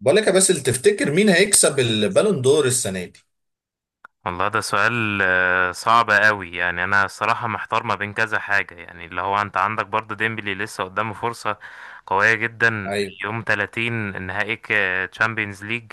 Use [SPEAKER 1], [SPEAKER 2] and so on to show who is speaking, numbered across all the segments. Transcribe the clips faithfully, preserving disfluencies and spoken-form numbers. [SPEAKER 1] بقول لك يا باسل، تفتكر مين هيكسب البالون دور السنه دي؟
[SPEAKER 2] والله ده سؤال آه، صعب قوي، يعني انا الصراحه محتار ما بين كذا حاجه، يعني اللي هو انت عندك برضو ديمبلي لسه قدامه فرصه قويه جدا.
[SPEAKER 1] ايوه.
[SPEAKER 2] يوم ثلاثين نهائي تشامبيونز ليج،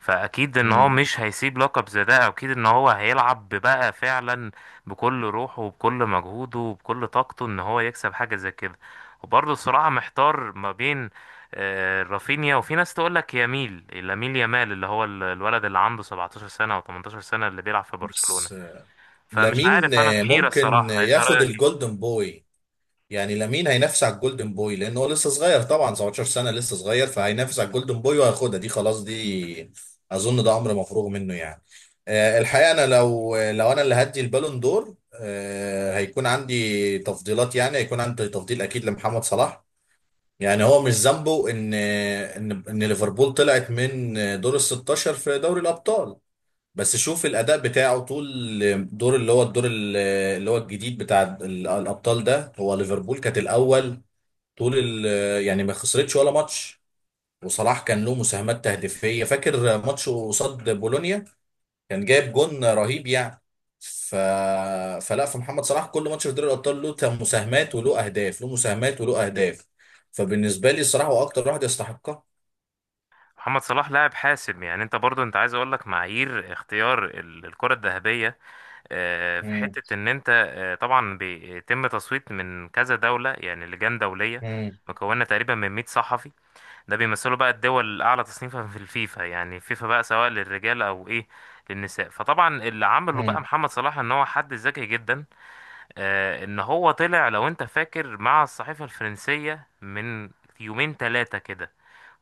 [SPEAKER 2] فاكيد ان هو
[SPEAKER 1] مم.
[SPEAKER 2] مش هيسيب لقب زي ده، اكيد ان هو هيلعب بقى فعلا بكل روحه وبكل مجهوده وبكل طاقته ان هو يكسب حاجه زي كده. وبرضه الصراحه محتار ما بين آه، رافينيا، وفي ناس تقول لك يميل لامين يامال، اللي هو ال- الولد اللي عنده 17 سنة او 18 سنة اللي بيلعب في برشلونة.
[SPEAKER 1] بس آه،
[SPEAKER 2] فمش
[SPEAKER 1] لامين
[SPEAKER 2] عارف، انا في
[SPEAKER 1] آه،
[SPEAKER 2] حيرة
[SPEAKER 1] ممكن
[SPEAKER 2] الصراحة، انت
[SPEAKER 1] ياخد
[SPEAKER 2] رأيك إيه؟
[SPEAKER 1] الجولدن بوي. يعني لامين هينافس على الجولدن بوي لان هو لسه صغير، طبعا سبعتاشر سنة سنه لسه صغير، فهينافس على الجولدن بوي وهياخدها دي، خلاص دي اظن ده امر مفروغ منه يعني. آه، الحقيقه انا لو لو انا اللي هدي البالون دور، آه، هيكون عندي تفضيلات، يعني هيكون عندي تفضيل اكيد لمحمد صلاح. يعني هو مش ذنبه ان ان ان ليفربول طلعت من دور ال ستاشر في دوري الابطال. بس شوف الاداء بتاعه طول دور اللي هو الدور ال- اللي هو الجديد بتاع ال- الابطال ده. هو ليفربول كانت الاول طول ال- يعني ما خسرتش ولا ماتش. وصلاح كان له مساهمات تهديفيه، فاكر ماتش قصاد بولونيا كان جايب جون رهيب يعني. ف... فلا فمحمد صلاح كل ماتش في دوري الابطال له تم- مساهمات وله اهداف، له مساهمات وله اهداف. فبالنسبه لي الصراحه هو اكتر واحد يستحقها.
[SPEAKER 2] محمد صلاح لاعب حاسم، يعني انت برضو انت عايز اقول لك معايير اختيار ال- الكرة الذهبية. آه، في
[SPEAKER 1] امم.
[SPEAKER 2] حتة ان انت آه، طبعا بيتم تصويت من كذا دولة، يعني لجان دولية
[SPEAKER 1] امم.
[SPEAKER 2] مكونة تقريبا من مية صحفي. ده بيمثلوا بقى الدول الأعلى تصنيفا في الفيفا، يعني فيفا بقى سواء للرجال أو إيه للنساء. فطبعا اللي عمله بقى
[SPEAKER 1] امم.
[SPEAKER 2] محمد صلاح إن هو حد ذكي جدا، آه، ان هو طلع لو انت فاكر مع الصحيفة الفرنسية من يومين ثلاثة كده،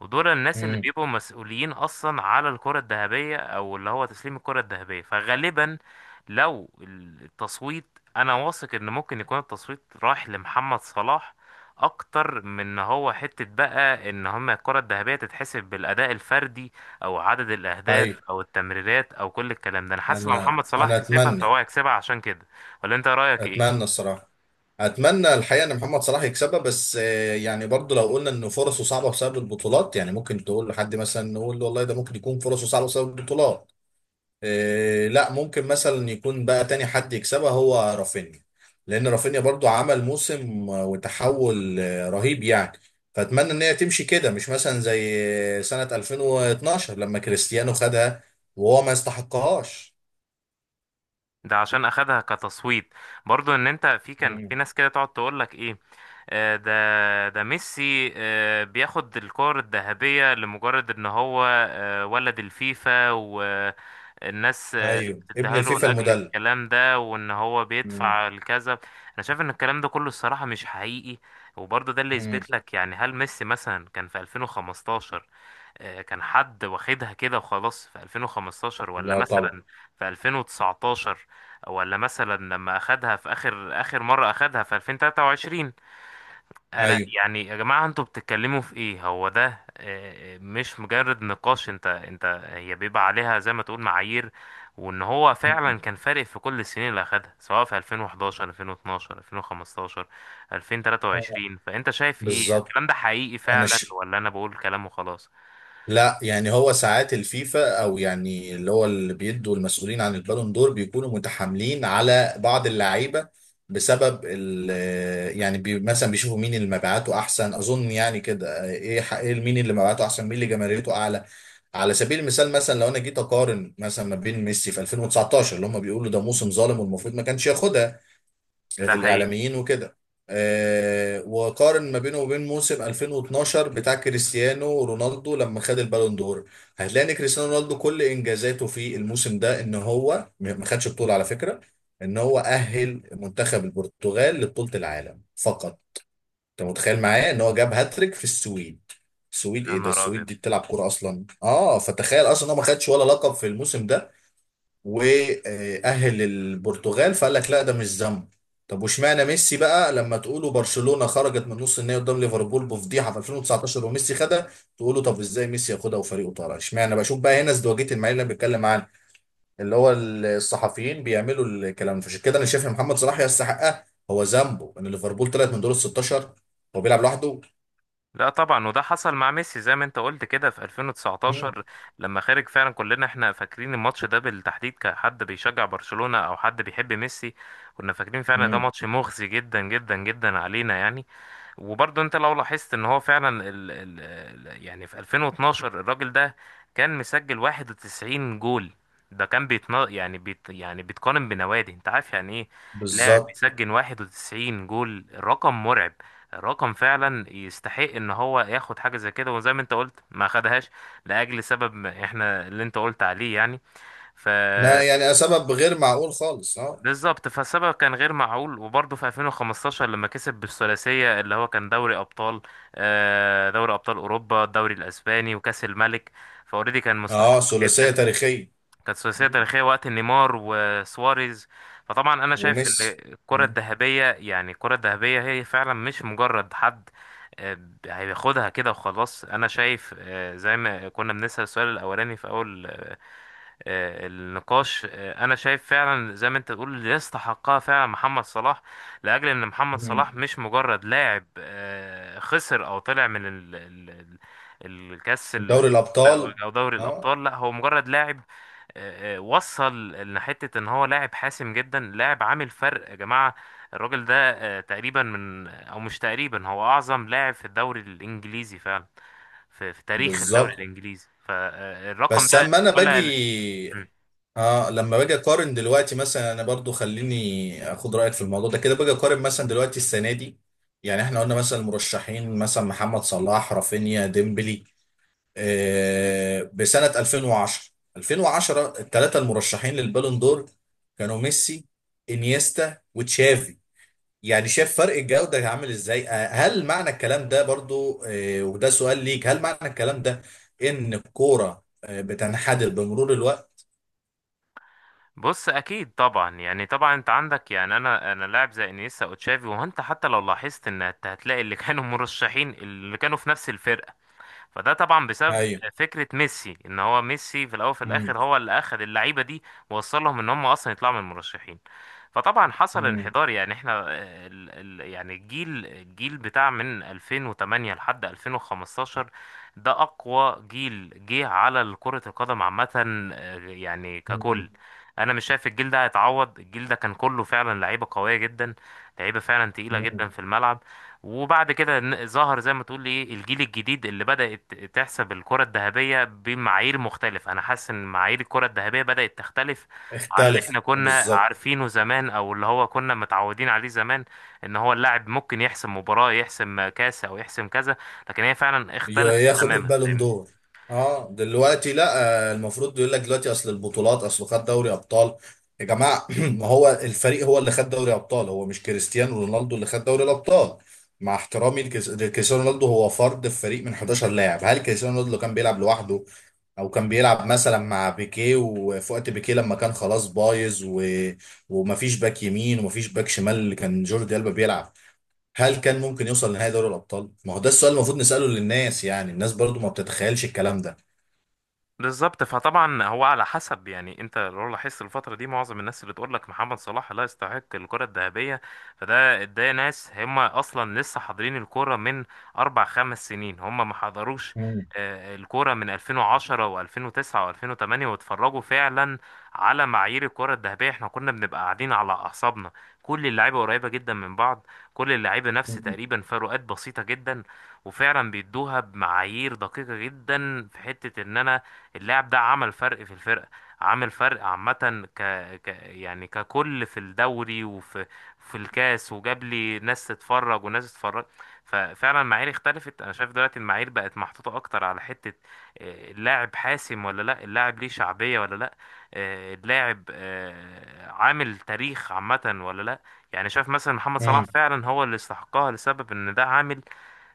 [SPEAKER 2] ودول الناس اللي
[SPEAKER 1] امم.
[SPEAKER 2] بيبقوا مسؤولين اصلا على الكرة الذهبية او اللي هو تسليم الكرة الذهبية. فغالبا لو التصويت، انا واثق ان ممكن يكون التصويت رايح لمحمد صلاح اكتر من ان هو حتة بقى ان هما الكرة الذهبية تتحسب بالاداء الفردي او عدد
[SPEAKER 1] اي.
[SPEAKER 2] الاهداف او التمريرات او كل الكلام ده. انا حاسس لو
[SPEAKER 1] انا
[SPEAKER 2] محمد صلاح
[SPEAKER 1] انا
[SPEAKER 2] كسبها
[SPEAKER 1] اتمنى.
[SPEAKER 2] فهو هيكسبها عشان كده. ولا انت رايك ايه؟
[SPEAKER 1] اتمنى الصراحه. اتمنى الحقيقه ان محمد صلاح يكسبها. بس آه، يعني برضو لو قلنا ان فرصه صعبه بسبب البطولات، يعني ممكن تقول لحد مثلا نقول له والله ده ممكن يكون فرصه صعبه بسبب البطولات. إيه، لا ممكن مثلا يكون بقى تاني حد يكسبها هو رافينيا. لان رافينيا برضو عمل موسم وتحول آه، رهيب يعني. فاتمنى ان هي تمشي كده، مش مثلا زي سنة ألفين واتناشر لما كريستيانو خدها وهو ما يستحقهاش.
[SPEAKER 2] ده عشان اخدها كتصويت، برضو ان انت في كان في
[SPEAKER 1] مم.
[SPEAKER 2] ناس كده تقعد تقول لك ايه، آه، ده ده ميسي آه، بياخد الكور الذهبية لمجرد ان هو آه، ولد الفيفا والناس، آه،
[SPEAKER 1] ايوه، ابن
[SPEAKER 2] بتديها له
[SPEAKER 1] الفيفا
[SPEAKER 2] لاجل
[SPEAKER 1] المدلل.
[SPEAKER 2] الكلام ده وان هو
[SPEAKER 1] مم.
[SPEAKER 2] بيدفع الكذا. انا شايف ان الكلام ده كله الصراحة مش حقيقي. وبرضه ده اللي
[SPEAKER 1] مم.
[SPEAKER 2] يثبت لك، يعني هل ميسي مثلا كان في ألفين وخمستاشر آه، كان حد واخدها كده وخلاص في ألفين وخمستاشر، ولا
[SPEAKER 1] لا طبعا.
[SPEAKER 2] مثلا في ألفين وتسعتاشر، ولا مثلا لما اخدها في اخر اخر مرة اخدها في ألفين وتلاتة وعشرين؟ انا
[SPEAKER 1] ايوه.
[SPEAKER 2] يعني يا جماعة انتوا بتتكلموا في ايه، هو ده آه، مش مجرد نقاش، انت انت هي بيبقى عليها زي ما تقول معايير، وان هو فعلا
[SPEAKER 1] مم.
[SPEAKER 2] كان فارق في كل السنين اللي اخدها سواء في ألفين وحداشر، ألفين واتناشر، ألفين وخمستاشر،
[SPEAKER 1] آه،
[SPEAKER 2] ألفين وتلاتة وعشرين. فانت شايف ايه،
[SPEAKER 1] بالظبط.
[SPEAKER 2] الكلام ده حقيقي
[SPEAKER 1] انا
[SPEAKER 2] فعلا
[SPEAKER 1] ش...
[SPEAKER 2] ولا انا بقول كلام وخلاص؟
[SPEAKER 1] لا، يعني هو ساعات الفيفا او يعني اللي هو اللي بيدوا المسؤولين عن البالون دور بيكونوا متحاملين على بعض اللعيبه بسبب ال يعني بي مثلا بيشوفوا مين اللي مبيعاته احسن. اظن يعني كده ايه ح- ايه مين اللي مبيعاته احسن، مين اللي جماهيريته اعلى. على سبيل المثال، مثلا لو انا جيت اقارن مثلا ما بين ميسي في ألفين وتسعتاشر اللي هم بيقولوا ده موسم ظالم والمفروض ما كانش ياخدها
[SPEAKER 2] ده حقيقي.
[SPEAKER 1] الاعلاميين وكده، آه وقارن ما بينه وبين موسم ألفين واتناشر بتاع كريستيانو رونالدو لما خد البالون دور. هتلاقي ان كريستيانو رونالدو كل انجازاته في الموسم ده ان هو م- ما خدش بطولة على فكرة. ان هو اهل منتخب البرتغال لبطولة العالم فقط. انت متخيل معايا ان هو جاب هاتريك في السويد؟ السويد؟
[SPEAKER 2] يا
[SPEAKER 1] ايه ده؟
[SPEAKER 2] نهار
[SPEAKER 1] السويد
[SPEAKER 2] ابيض.
[SPEAKER 1] دي بتلعب كورة اصلا؟ اه، فتخيل اصلا ان هو ما خدش ولا لقب في الموسم ده، واهل البرتغال. فقال لك لا، ده مش ذنب. طب واشمعنى ميسي بقى لما تقولوا برشلونة خرجت من نص النهائي قدام ليفربول بفضيحة في ألفين وتسعة عشر وميسي خدها؟ تقولوا طب ازاي ميسي ياخدها وفريقه طالع. اشمعنى؟ بشوف بقى هنا ازدواجية المعايير اللي أنا بتكلم عنها، اللي هو الصحفيين بيعملوا الكلام. فعشان كده انا شايف ان محمد صلاح يستحقها. هو ذنبه ان ليفربول طلعت من دور ال ستاشر؟ هو بيلعب لوحده؟
[SPEAKER 2] لا طبعا، وده حصل مع ميسي زي ما انت قلت كده في
[SPEAKER 1] مم.
[SPEAKER 2] ألفين وتسعتاشر لما خرج فعلا. كلنا احنا فاكرين الماتش ده بالتحديد كحد بيشجع برشلونة او حد بيحب ميسي، كنا فاكرين فعلا ده
[SPEAKER 1] مم.
[SPEAKER 2] ماتش مخزي جدا جدا جدا علينا يعني. وبرضه انت لو لاحظت ان هو فعلا ال ال ال- يعني في ألفين واثنا عشر الراجل ده كان مسجل واحد وتسعين جول. ده كان بيتنا، يعني بيت، يعني بيتقارن بنوادي، انت عارف يعني ايه لاعب
[SPEAKER 1] بالظبط.
[SPEAKER 2] بيسجل واحد وتسعين جول؟ رقم مرعب، رقم فعلا يستحق ان هو ياخد حاجه زي كده، وزي ما انت قلت ما خدهاش لاجل سبب ما، احنا اللي انت قلت عليه يعني. ف
[SPEAKER 1] نا- يعني سبب غير معقول خالص، اه.
[SPEAKER 2] بالظبط، فالسبب كان غير معقول. وبرضه في ألفين وخمستاشر لما كسب بالثلاثية، اللي هو كان دوري أبطال، آه، دوري أبطال أوروبا، الدوري الأسباني وكأس الملك. فأوريدي كان
[SPEAKER 1] اه،
[SPEAKER 2] مستحق
[SPEAKER 1] ثلاثية
[SPEAKER 2] جدا،
[SPEAKER 1] تاريخية.
[SPEAKER 2] كانت ثلاثية تاريخية وقت نيمار وسواريز. فطبعا أنا شايف إن
[SPEAKER 1] وميسي.
[SPEAKER 2] الكرة
[SPEAKER 1] مم.
[SPEAKER 2] الذهبية، يعني الكرة الذهبية هي فعلا مش مجرد حد آه، هياخدها كده وخلاص. أنا شايف آه، زي ما كنا بنسأل السؤال الأولاني في أول آه، النقاش، آه، انا شايف فعلا زي ما انت تقول اللي يستحقها فعلا محمد صلاح، لاجل ان محمد
[SPEAKER 1] مم.
[SPEAKER 2] صلاح مش مجرد لاعب آه، خسر او طلع من ال- ال- ال- الكاس ال-
[SPEAKER 1] دوري
[SPEAKER 2] او
[SPEAKER 1] الابطال.
[SPEAKER 2] أو دوري
[SPEAKER 1] اه.
[SPEAKER 2] الابطال. لا هو مجرد لاعب، آه، آه، وصل لحتة ان هو لاعب حاسم جدا، لاعب عامل فرق يا جماعة. الراجل ده آه، تقريبا من، او مش تقريبا، هو اعظم لاعب في الدوري الانجليزي فعلا، في, في تاريخ الدوري
[SPEAKER 1] بالظبط.
[SPEAKER 2] الانجليزي، فالرقم
[SPEAKER 1] بس
[SPEAKER 2] ده
[SPEAKER 1] اما انا
[SPEAKER 2] ولا...
[SPEAKER 1] باجي. اه، لما باجي اقارن دلوقتي مثلا، انا برضو خليني اخد رايك في الموضوع ده كده. باجي اقارن مثلا دلوقتي السنه دي، يعني احنا قلنا مثلا المرشحين مثلا محمد صلاح رافينيا ديمبلي. آه بسنه ألفين وعشرة، ألفين وعشرة الثلاثه المرشحين للبالون دور كانوا ميسي، انيستا، وتشافي. يعني شايف فرق الجودة عامل ازاي؟ آه، هل معنى الكلام ده برضو، آه، وده سؤال ليك، هل معنى الكلام ده ان الكورة آه، بتنحدر بمرور الوقت؟
[SPEAKER 2] بص اكيد طبعا، يعني طبعا انت عندك، يعني انا انا لاعب زي انيستا او تشافي، وانت حتى لو لاحظت ان انت هتلاقي اللي كانوا مرشحين اللي كانوا في نفس الفرقه، فده طبعا بسبب
[SPEAKER 1] ايوه.
[SPEAKER 2] فكرة ميسي ان هو ميسي في الاول وفي
[SPEAKER 1] مم.
[SPEAKER 2] الاخر هو اللي اخذ اللعيبة دي ووصلهم ان هم اصلا يطلعوا من المرشحين. فطبعا حصل
[SPEAKER 1] مم.
[SPEAKER 2] انحدار، يعني احنا آه، ال ال يعني الجيل، الجيل بتاع من ألفين وتمانية لحد ألفين وخمستاشر ده اقوى جيل جه على كرة القدم عامة، آه، يعني
[SPEAKER 1] مم.
[SPEAKER 2] ككل. انا مش شايف الجيل ده هيتعوض، الجيل ده كان كله فعلا لعيبة قوية جدا، لعيبة فعلا تقيلة
[SPEAKER 1] مم.
[SPEAKER 2] جدا في الملعب. وبعد كده ن- ظهر زي ما تقول ايه الجيل الجديد اللي بدأت تحسب الكرة الذهبية بمعايير مختلفة. انا حاسس ان معايير الكرة الذهبية بدأت تختلف عن اللي
[SPEAKER 1] اختلف
[SPEAKER 2] احنا كنا
[SPEAKER 1] بالظبط.
[SPEAKER 2] عارفينه زمان، او اللي هو كنا متعودين عليه زمان، ان هو اللاعب ممكن يحسم مباراة، يحسم كاس، او يحسم كذا، لكن هي فعلا
[SPEAKER 1] ي-
[SPEAKER 2] اختلفت
[SPEAKER 1] ياخد
[SPEAKER 2] تماما،
[SPEAKER 1] البالون
[SPEAKER 2] فاهمني؟
[SPEAKER 1] دور؟ اه، دلوقتي لا. آه، المفروض يقول لك دلوقتي اصل البطولات، اصل خد دوري ابطال. يا جماعه، ما هو الفريق هو اللي خد دوري ابطال. هو مش كريستيانو رونالدو اللي خد دوري الابطال، مع احترامي لكريس- لكريستيانو رونالدو. هو فرد في فريق من حداشر لاعب. هل كريستيانو رونالدو لو كان بيلعب لوحده، او كان بيلعب مثلا مع بيكيه، وفي وقت بيكيه لما كان خلاص بايظ و... ومفيش باك يمين ومفيش باك شمال اللي كان جوردي ألبا بيلعب، هل كان ممكن يوصل لنهائي دوري الابطال؟ ما هو ده السؤال المفروض نساله للناس. يعني الناس برضو ما بتتخيلش الكلام ده.
[SPEAKER 2] بالظبط. فطبعا هو على حسب يعني، انت لو لاحظت الفتره دي معظم الناس اللي تقول لك محمد صلاح لا يستحق الكره الذهبيه، فده ده ناس هم اصلا لسه حاضرين الكوره من اربع خمس سنين، هم ما حضروش
[SPEAKER 1] مم.
[SPEAKER 2] آه، الكوره من ألفين وعشرة وألفين وتسعة و2008 واتفرجوا فعلا على معايير الكره الذهبيه. احنا كنا بنبقى قاعدين على اعصابنا، كل اللعيبه قريبه جدا من بعض، كل اللعيبه نفس
[SPEAKER 1] مم.
[SPEAKER 2] تقريبا، فروقات بسيطه جدا. وفعلا بيدوها بمعايير دقيقه جدا في حته ان انا اللاعب ده عمل فرق في الفرقة، عامل فرق عامة ك... ك يعني ككل في الدوري، وفي في الكاس، وجاب لي ناس تتفرج وناس تتفرج. ففعلا المعايير اختلفت، انا شايف دلوقتي المعايير بقت محطوطة اكتر على حتة آه، اللاعب حاسم ولا لا، اللاعب ليه شعبية ولا لا، آه، اللاعب آه، عامل تاريخ عامة ولا لا. يعني شايف مثلا محمد صلاح
[SPEAKER 1] امم.
[SPEAKER 2] فعلا هو اللي استحقها لسبب ان ده عامل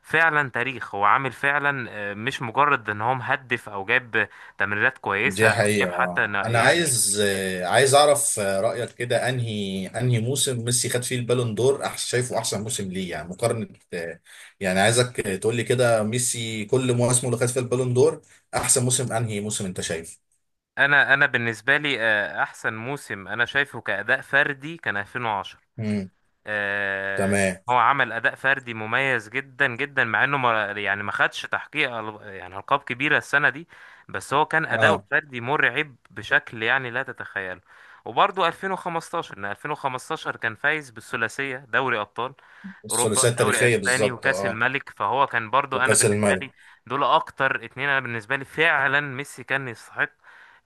[SPEAKER 2] فعلا تاريخ، هو عامل فعلا آه، مش مجرد ان هو مهدف او جاب تمريرات كويسة
[SPEAKER 1] دي حقيقة.
[SPEAKER 2] وجاب، حتى
[SPEAKER 1] آه.
[SPEAKER 2] أنا
[SPEAKER 1] انا
[SPEAKER 2] يعني.
[SPEAKER 1] عايز آه، عايز اعرف آه، رأيك كده، انهي انهي موسم ميسي خد فيه البالون دور أح شايفه احسن موسم ليه، يعني مقارنة. آه، يعني عايزك آه، تقول لي كده، ميسي كل مواسمه اللي خد فيها البالون دور، احسن موسم انهي موسم انت شايفه.
[SPEAKER 2] أنا أنا بالنسبة لي آه، أحسن موسم أنا شايفه كأداء فردي كان ألفين وعشرة،
[SPEAKER 1] امم.
[SPEAKER 2] آه،
[SPEAKER 1] تمام.
[SPEAKER 2] هو عمل اداء فردي مميز جدا جدا، مع انه ما، يعني ما خدش تحقيق أل- يعني القاب كبيره السنه دي، بس هو كان اداؤه
[SPEAKER 1] اه،
[SPEAKER 2] الفردي مرعب بشكل يعني لا تتخيله. وبرضه ألفين وخمستاشر، ان ألفين وخمستاشر كان فايز بالثلاثيه، دوري ابطال اوروبا،
[SPEAKER 1] الثلاثية
[SPEAKER 2] دوري
[SPEAKER 1] التاريخية
[SPEAKER 2] اسباني
[SPEAKER 1] بالظبط،
[SPEAKER 2] وكاس
[SPEAKER 1] اه.
[SPEAKER 2] الملك، فهو كان برضه انا
[SPEAKER 1] وكأس
[SPEAKER 2] بالنسبه
[SPEAKER 1] الملك.
[SPEAKER 2] لي دول اكتر اتنين. انا بالنسبه لي فعلا ميسي كان يستحق،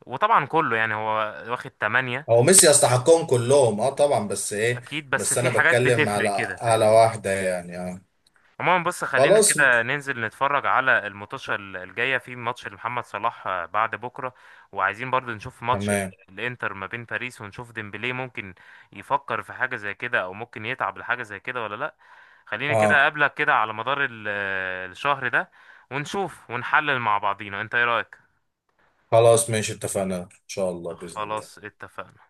[SPEAKER 2] وطبعا كله، يعني هو واخد تمانية،
[SPEAKER 1] هو ميسي يستحقهم كلهم، اه طبعا، بس ايه.
[SPEAKER 2] اكيد، بس
[SPEAKER 1] بس انا
[SPEAKER 2] في حاجات
[SPEAKER 1] بتكلم على،
[SPEAKER 2] بتفرق كده،
[SPEAKER 1] على
[SPEAKER 2] فاهمني؟
[SPEAKER 1] واحدة، يعني اه.
[SPEAKER 2] عموما بص، خلينا
[SPEAKER 1] خلاص م-
[SPEAKER 2] كده ننزل نتفرج على الماتشة الجاية، في ماتش لمحمد صلاح آه، بعد بكرة، وعايزين برضو نشوف ماتش ال-
[SPEAKER 1] تمام.
[SPEAKER 2] الانتر ما بين باريس، ونشوف ديمبلي ممكن يفكر في حاجة زي كده او ممكن يتعب لحاجة زي كده ولا لا. خليني كده
[SPEAKER 1] اه.
[SPEAKER 2] اقابلك كده على مدار ال- آه، الشهر ده، ونشوف ونحلل مع بعضينا، انت ايه رأيك؟
[SPEAKER 1] خلاص ماشي، اتفقنا ان شاء الله بإذن الله.
[SPEAKER 2] خلاص اتفقنا.